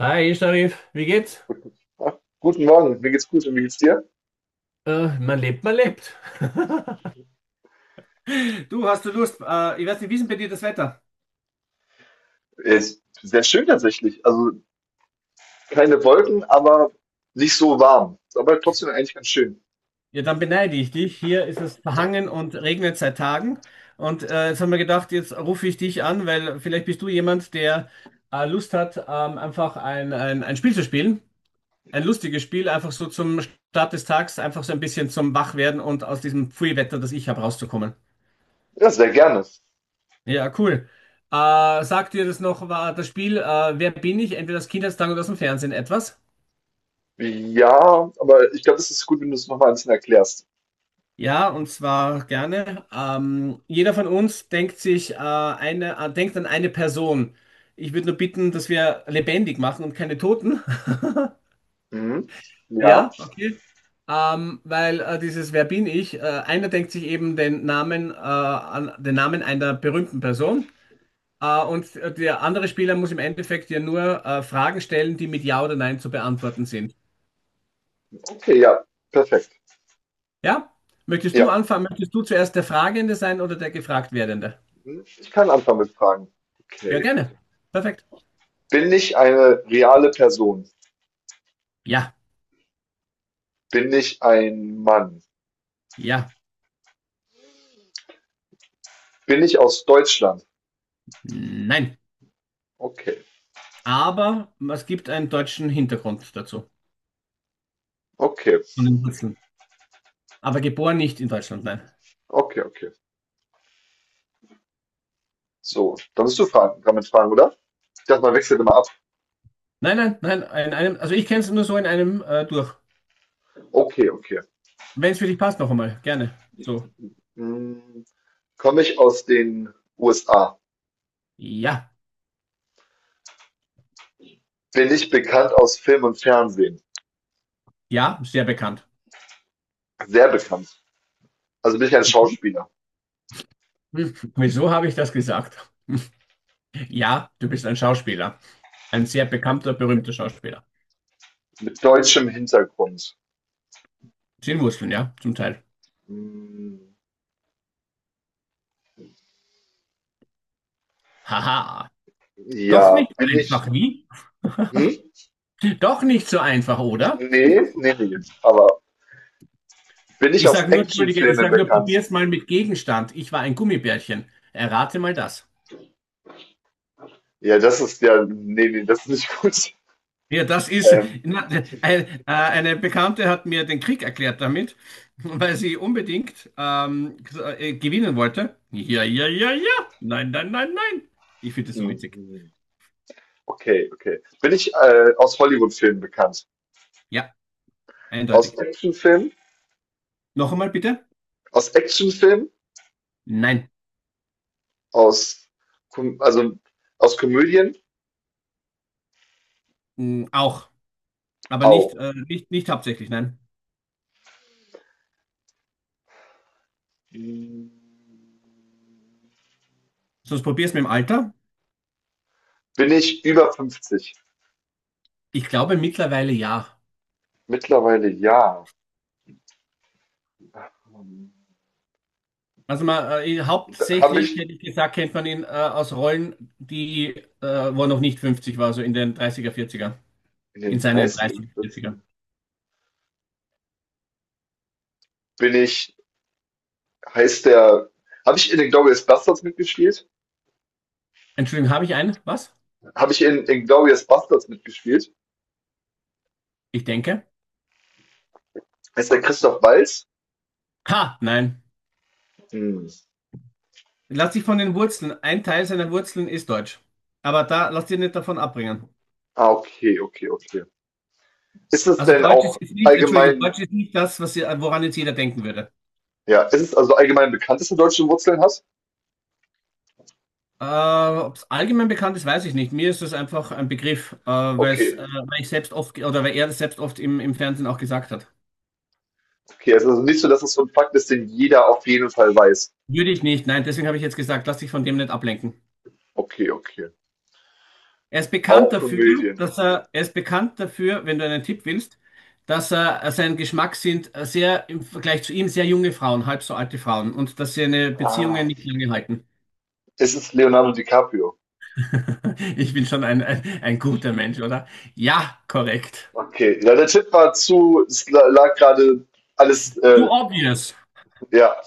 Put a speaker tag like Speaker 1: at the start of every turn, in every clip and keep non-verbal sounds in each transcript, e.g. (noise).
Speaker 1: Hi, Sharif, wie geht's?
Speaker 2: Guten Tag, guten Morgen, mir geht's gut und wie geht's dir?
Speaker 1: Man lebt, man lebt. (laughs) Du, hast du Lust? Ich weiß nicht, wie ist denn bei dir das Wetter?
Speaker 2: Ist sehr schön tatsächlich. Also keine Wolken, aber nicht so warm. Ist aber trotzdem eigentlich ganz schön.
Speaker 1: Ja, dann beneide ich dich. Hier ist es verhangen und regnet seit Tagen. Und jetzt haben wir gedacht, jetzt rufe ich dich an, weil vielleicht bist du jemand, der Lust hat, einfach ein Spiel zu spielen. Ein lustiges Spiel, einfach so zum Start des Tags, einfach so ein bisschen zum Wachwerden und aus diesem Pfui-Wetter, das ich habe, rauszukommen.
Speaker 2: Ja, sehr gerne.
Speaker 1: Ja, cool. Äh, Sagt dir das noch, war das Spiel Wer bin ich? Entweder aus Kindheitstagen oder aus dem Fernsehen etwas?
Speaker 2: Ja, aber ich glaube, es ist gut, wenn du es nochmal ein bisschen erklärst.
Speaker 1: Ja, und zwar gerne. Jeder von uns denkt sich denkt an eine Person. Ich würde nur bitten, dass wir lebendig machen und keine Toten. (laughs)
Speaker 2: Mhm. Ja,
Speaker 1: Ja, okay. Weil dieses Wer bin ich? Einer denkt sich eben den Namen, den Namen einer berühmten Person. Und der andere Spieler muss im Endeffekt ja nur Fragen stellen, die mit Ja oder Nein zu beantworten sind.
Speaker 2: okay, ja, perfekt.
Speaker 1: Ja? Möchtest du
Speaker 2: Ja,
Speaker 1: anfangen? Möchtest du zuerst der Fragende sein oder der gefragt werdende?
Speaker 2: mhm, ich kann anfangen mit Fragen.
Speaker 1: Ja,
Speaker 2: Okay.
Speaker 1: gerne. Perfekt.
Speaker 2: Bin ich eine reale Person?
Speaker 1: Ja,
Speaker 2: Bin ich ein Mann?
Speaker 1: ja,
Speaker 2: Bin ich aus Deutschland?
Speaker 1: nein.
Speaker 2: Okay,
Speaker 1: Aber es gibt einen deutschen Hintergrund dazu.
Speaker 2: okay,
Speaker 1: Von den Wurzeln. Aber geboren nicht in Deutschland, nein.
Speaker 2: okay, okay. So, dann bist du fragen, damit fragen, oder? Ich dachte, man wechselt immer ab.
Speaker 1: Nein, nein, nein. In einem, also ich kenne es nur so in einem durch.
Speaker 2: Okay, okay.
Speaker 1: Wenn es für dich passt, noch einmal. Gerne. So.
Speaker 2: Hm, Komme ich aus den USA?
Speaker 1: Ja,
Speaker 2: Bin ich bekannt aus Film und Fernsehen?
Speaker 1: ja, sehr bekannt.
Speaker 2: Sehr bekannt. Also bin ich ein
Speaker 1: Hm,
Speaker 2: Schauspieler
Speaker 1: Wieso habe ich das gesagt? Ja, du bist ein Schauspieler. Ein sehr bekannter, berühmter Schauspieler.
Speaker 2: mit deutschem Hintergrund.
Speaker 1: Zehn Wurzeln, ja, zum Teil.
Speaker 2: Hm,
Speaker 1: Haha. Doch
Speaker 2: ja,
Speaker 1: nicht
Speaker 2: bin
Speaker 1: einfach,
Speaker 2: ich.
Speaker 1: wie?
Speaker 2: Hm?
Speaker 1: Doch nicht so einfach, oder?
Speaker 2: Nee, nee, nee. Aber bin ich
Speaker 1: Ich
Speaker 2: aus
Speaker 1: sage nur, entschuldige, ich
Speaker 2: Actionfilmen
Speaker 1: sage nur,
Speaker 2: bekannt?
Speaker 1: probier's mal mit Gegenstand. Ich war ein Gummibärchen. Errate mal das.
Speaker 2: Ja, das ist ja. Nee, nee, das ist nicht (laughs) gut.
Speaker 1: Ja, das ist,
Speaker 2: Ähm,
Speaker 1: na, ein, eine Bekannte hat mir den Krieg erklärt damit, weil sie unbedingt gewinnen wollte. Ja, ja, ja, ja. Nein, nein, nein, nein. Ich finde das so witzig.
Speaker 2: mhm, okay, okay. Bin ich aus Hollywood-Filmen bekannt?
Speaker 1: Ja,
Speaker 2: Aus
Speaker 1: eindeutig.
Speaker 2: Actionfilmen?
Speaker 1: Noch einmal bitte?
Speaker 2: Aus Actionfilmen?
Speaker 1: Nein.
Speaker 2: Aus Kom also aus Komödien?
Speaker 1: Mm, auch. Aber nicht,
Speaker 2: Au.
Speaker 1: nicht hauptsächlich, nein.
Speaker 2: Hm,
Speaker 1: Sonst probier's mit dem Alter.
Speaker 2: Bin ich über fünfzig?
Speaker 1: Ich glaube mittlerweile ja.
Speaker 2: Mittlerweile ja.
Speaker 1: Also
Speaker 2: Habe
Speaker 1: hauptsächlich,
Speaker 2: ich
Speaker 1: hätte ich gesagt, kennt man ihn aus Rollen, wo er noch nicht 50 war, so in den 30er, 40er.
Speaker 2: In
Speaker 1: In
Speaker 2: den
Speaker 1: seinen
Speaker 2: Dreißigern
Speaker 1: 30er,
Speaker 2: ern.
Speaker 1: 40er.
Speaker 2: Bin ich, heißt der, Habe ich in Inglourious Basterds mitgespielt?
Speaker 1: Entschuldigung, habe ich einen? Was?
Speaker 2: Habe ich in Inglourious Basterds mitgespielt?
Speaker 1: Ich denke.
Speaker 2: Heißt der Christoph Waltz?
Speaker 1: Ha, nein.
Speaker 2: Hm.
Speaker 1: Lass dich von den Wurzeln. Ein Teil seiner Wurzeln ist Deutsch. Aber da lass dich nicht davon abbringen.
Speaker 2: Ah, okay, okay, okay. Ist es
Speaker 1: Also
Speaker 2: denn
Speaker 1: Deutsch ist
Speaker 2: auch
Speaker 1: jetzt nicht, Entschuldigung,
Speaker 2: allgemein,
Speaker 1: Deutsch ist nicht das, was, ihr- woran jetzt jeder denken würde.
Speaker 2: Ja, ist es also allgemein bekannt, dass du deutsche Wurzeln hast?
Speaker 1: Ob es allgemein bekannt ist, weiß ich nicht. Mir ist es einfach ein Begriff,
Speaker 2: Okay.
Speaker 1: weil ich selbst oft, ge- oder weil er das selbst oft im Fernsehen auch gesagt hat.
Speaker 2: Okay, also es ist also nicht so, dass es so ein Fakt ist, den jeder auf jeden Fall weiß.
Speaker 1: Würde ich nicht. Nein, deswegen habe ich jetzt gesagt, lass dich von dem nicht ablenken.
Speaker 2: Okay, okay.
Speaker 1: Er ist bekannt
Speaker 2: Auch
Speaker 1: dafür,
Speaker 2: Komödien.
Speaker 1: dass er ist bekannt dafür, wenn du einen Tipp willst, dass er sein Geschmack sind sehr im Vergleich zu ihm sehr junge Frauen, halb so alte Frauen und dass seine
Speaker 2: Ah,
Speaker 1: Beziehungen nicht lange halten.
Speaker 2: es ist Leonardo DiCaprio.
Speaker 1: (laughs) Ich bin schon ein guter Mensch, oder? Ja, korrekt.
Speaker 2: Okay, ja, der Tipp war zu, es lag gerade alles,
Speaker 1: Too obvious.
Speaker 2: ja.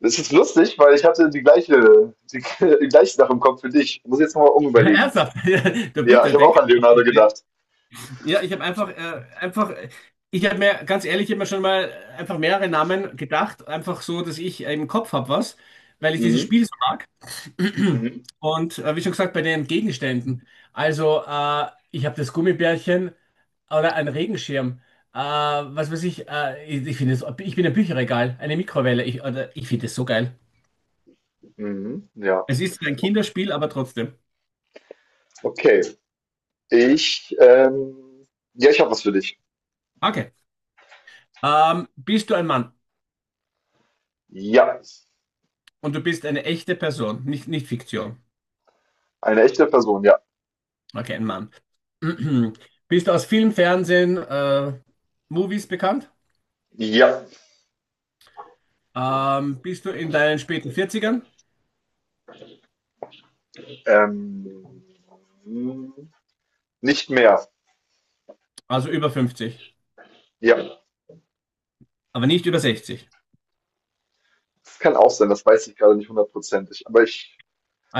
Speaker 2: Es ist lustig, weil ich hatte (laughs) die gleiche Sache im Kopf für dich. Muss jetzt nochmal
Speaker 1: (laughs)
Speaker 2: umüberlegen.
Speaker 1: Ernsthaft. (laughs) Du
Speaker 2: Ja, ich
Speaker 1: bitte,
Speaker 2: habe
Speaker 1: denk,
Speaker 2: auch an
Speaker 1: einfach.
Speaker 2: Leonardo gedacht.
Speaker 1: Ja, ich habe einfach, ich habe mir ganz ehrlich immer schon mal einfach mehrere Namen gedacht, einfach so, dass ich im Kopf habe was, weil ich dieses
Speaker 2: Mhm,
Speaker 1: Spiel so mag. (clears throat)
Speaker 2: mhm,
Speaker 1: Und wie schon gesagt, bei den Gegenständen. Ich habe das Gummibärchen oder einen Regenschirm. Was weiß ich, ich, ich finde es, ich bin ein Bücherregal, eine Mikrowelle. Ich, oder, ich finde es so geil.
Speaker 2: mhm, ja.
Speaker 1: Es ist ein Kinderspiel, aber trotzdem.
Speaker 2: Okay, ich, ähm, ja, ich habe was für dich.
Speaker 1: Okay. Bist du ein Mann
Speaker 2: Ja,
Speaker 1: und du bist eine echte Person, nicht, nicht Fiktion.
Speaker 2: eine echte Person, ja.
Speaker 1: Okay, ein Mann. (clears throat) Bist du aus Film, Fernsehen, Movies bekannt?
Speaker 2: Ja.
Speaker 1: Bist du in deinen späten Vierzigern,
Speaker 2: Ähm, Nicht mehr.
Speaker 1: also über fünfzig,
Speaker 2: Ja,
Speaker 1: aber nicht über 60?
Speaker 2: das kann auch sein, das weiß ich gerade nicht hundertprozentig.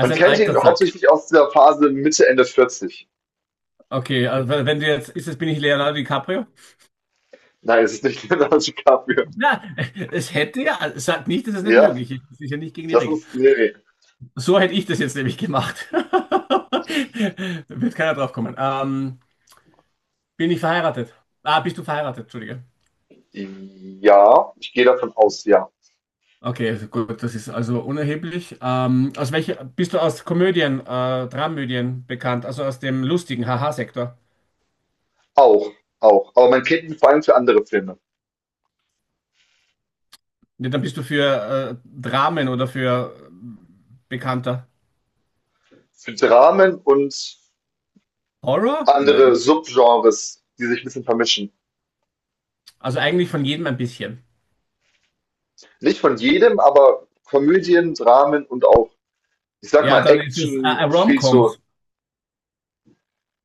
Speaker 2: Man
Speaker 1: ein
Speaker 2: kennt ihn
Speaker 1: alter Sack.
Speaker 2: hauptsächlich aus der Phase Mitte, Ende 40.
Speaker 1: Okay, also wenn du jetzt, ist das, bin ich Leonardo DiCaprio?
Speaker 2: Nein, es ist nicht (laughs) Leonardo DiCaprio.
Speaker 1: (laughs) Na, es hätte ja, sagt nicht, dass es nicht
Speaker 2: Ja,
Speaker 1: möglich ist. Das ist ja nicht gegen die
Speaker 2: das
Speaker 1: Regeln.
Speaker 2: ist, nee, nee.
Speaker 1: So hätte ich das jetzt nämlich gemacht. (laughs) Wird keiner drauf kommen. Bin ich verheiratet? Ah, bist du verheiratet? Entschuldige.
Speaker 2: Ja, ich gehe davon aus, ja.
Speaker 1: Okay, also gut, das ist also unerheblich. Bist du aus Komödien, Dramödien bekannt, also aus dem lustigen Haha-Sektor?
Speaker 2: Auch, auch. Aber man kennt ihn vor allem für andere Filme.
Speaker 1: Ja, dann bist du für Dramen oder für bekannter
Speaker 2: Für Dramen und
Speaker 1: Horror?
Speaker 2: andere
Speaker 1: Nein.
Speaker 2: Subgenres, die sich ein bisschen vermischen.
Speaker 1: Also eigentlich von jedem ein bisschen.
Speaker 2: Nicht von jedem, aber Komödien, Dramen und auch, ich sag
Speaker 1: Ja,
Speaker 2: mal,
Speaker 1: dann ist es
Speaker 2: Action spielt so.
Speaker 1: Rom-Coms.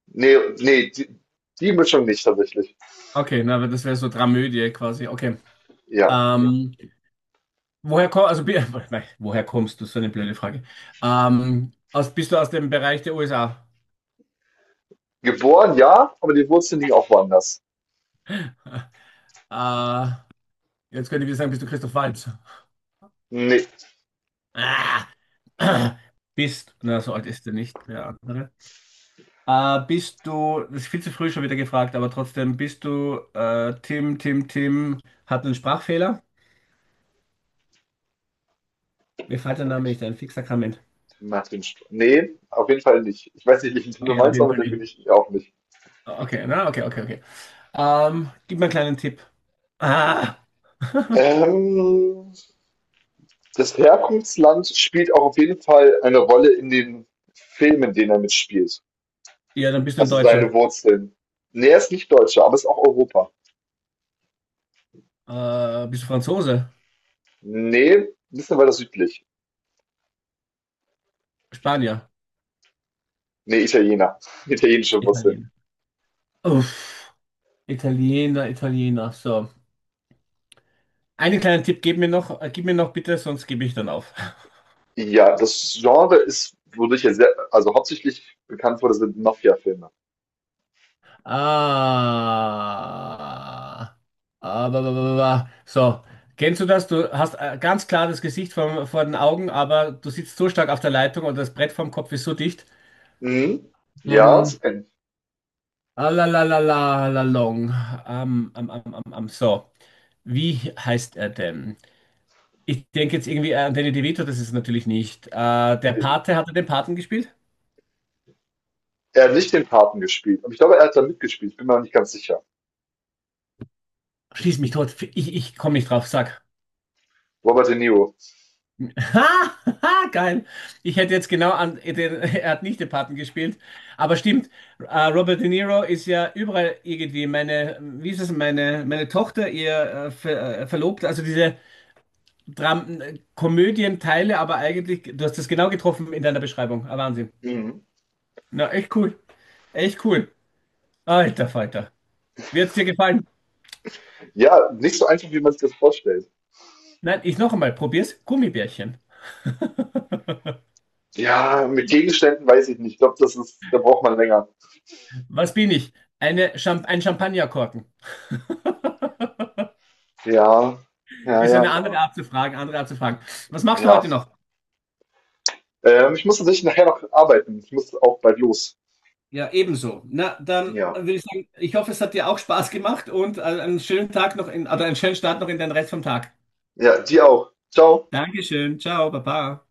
Speaker 2: Nee, nee, die, Die Mischung nicht tatsächlich.
Speaker 1: Okay, na, aber das wäre so Dramödie quasi. Okay.
Speaker 2: Ja.
Speaker 1: Ähm, woher kommst, also, bi- (laughs) Nein, woher kommst du? So eine blöde Frage. Bist du aus dem Bereich der USA?
Speaker 2: Geboren, ja, aber die Wurzeln liegen auch woanders.
Speaker 1: (laughs) Äh, Jetzt könnte ich wieder sagen, bist du Christoph Waltz?
Speaker 2: Nee,
Speaker 1: (coughs) Ah, (clears throat) bist, na, so alt ist er nicht, der andere. Bist du, das ist viel zu früh schon wieder gefragt, aber trotzdem, bist du Tim, hat einen Sprachfehler? Mir fällt der Name
Speaker 2: ich
Speaker 1: nicht ein, Fixakrament.
Speaker 2: mach den Sp Nee, auf jeden Fall nicht. Ich weiß nicht, welchen Tim du
Speaker 1: Okay, auf
Speaker 2: meinst,
Speaker 1: jeden
Speaker 2: aber
Speaker 1: Fall
Speaker 2: den
Speaker 1: nicht.
Speaker 2: bin ich auch nicht.
Speaker 1: Okay, na, okay, okay, okay. Gib mir einen kleinen Tipp. Ah,
Speaker 2: Ähm, Das Herkunftsland spielt auch auf jeden Fall eine Rolle in den Filmen, in denen er mitspielt.
Speaker 1: ja, dann bist du ein
Speaker 2: Also
Speaker 1: Deutscher.
Speaker 2: seine Wurzeln. Nee, er ist nicht Deutscher, aber ist auch Europa.
Speaker 1: Bist du Franzose?
Speaker 2: Nee, ein bisschen weiter südlich.
Speaker 1: Spanier?
Speaker 2: Nee, Italiener. (laughs) Italienische Wurzeln.
Speaker 1: Italiener. Uff, Italiener, Italiener, so. Einen kleinen Tipp gib mir noch bitte, sonst gebe ich dann auf.
Speaker 2: Ja, das Genre ist, wodurch er sehr, also hauptsächlich bekannt wurde, sind Mafia-Filme.
Speaker 1: Ah. Ah, ba, ba, ba, ba. So, kennst du das? Du hast ganz klar das Gesicht vor den Augen, aber du sitzt so stark auf der Leitung und das Brett vorm Kopf ist so dicht.
Speaker 2: Mhm. Ja, das
Speaker 1: Ähm,
Speaker 2: kenn.
Speaker 1: alalalalalalalong. So, wie heißt er denn? Ich denke jetzt irgendwie an Danny DeVito, das ist es natürlich nicht. Der
Speaker 2: Ne,
Speaker 1: Pate, hat er den Paten gespielt?
Speaker 2: er hat nicht den Paten gespielt. Aber ich glaube, er hat da mitgespielt. Ich bin mir aber nicht ganz sicher.
Speaker 1: Schieß mich tot, ich komme nicht drauf, sag.
Speaker 2: Robert De Niro.
Speaker 1: (laughs) Ha, ha, geil. Ich hätte jetzt genau an, den, (laughs) er hat nicht den Paten gespielt, aber stimmt, Robert De Niro ist ja überall irgendwie meine, wie ist es, meine, meine Tochter, ihr Verlobter, also diese Dram Komödienteile, aber eigentlich, du hast das genau getroffen in deiner Beschreibung. Ah, Wahnsinn.
Speaker 2: Ich. Mhm.
Speaker 1: Na, echt cool. Echt cool. Alter Falter. Wird's dir gefallen?
Speaker 2: Ja, nicht so einfach, wie man sich das vorstellt.
Speaker 1: Nein, ich noch einmal, probier's. Gummibärchen.
Speaker 2: Ja, mit Gegenständen weiß ich nicht. Ich glaube, das ist, da braucht man länger.
Speaker 1: Was bin ich? Ein Champagnerkorken. (laughs)
Speaker 2: Ja, ja,
Speaker 1: Ist
Speaker 2: ja,
Speaker 1: eine
Speaker 2: ja.
Speaker 1: andere Art zu fragen, andere Art zu fragen. Was machst du
Speaker 2: Ja.
Speaker 1: heute noch?
Speaker 2: Ich muss tatsächlich nachher noch arbeiten. Ich muss auch bald los.
Speaker 1: Ja, ebenso. Na, dann
Speaker 2: Ja.
Speaker 1: würde ich sagen, ich hoffe, es hat dir auch Spaß gemacht und einen schönen Tag noch in, oder einen schönen Start noch in den Rest vom Tag.
Speaker 2: Ja, die auch. Ciao.
Speaker 1: Dankeschön, ciao, baba.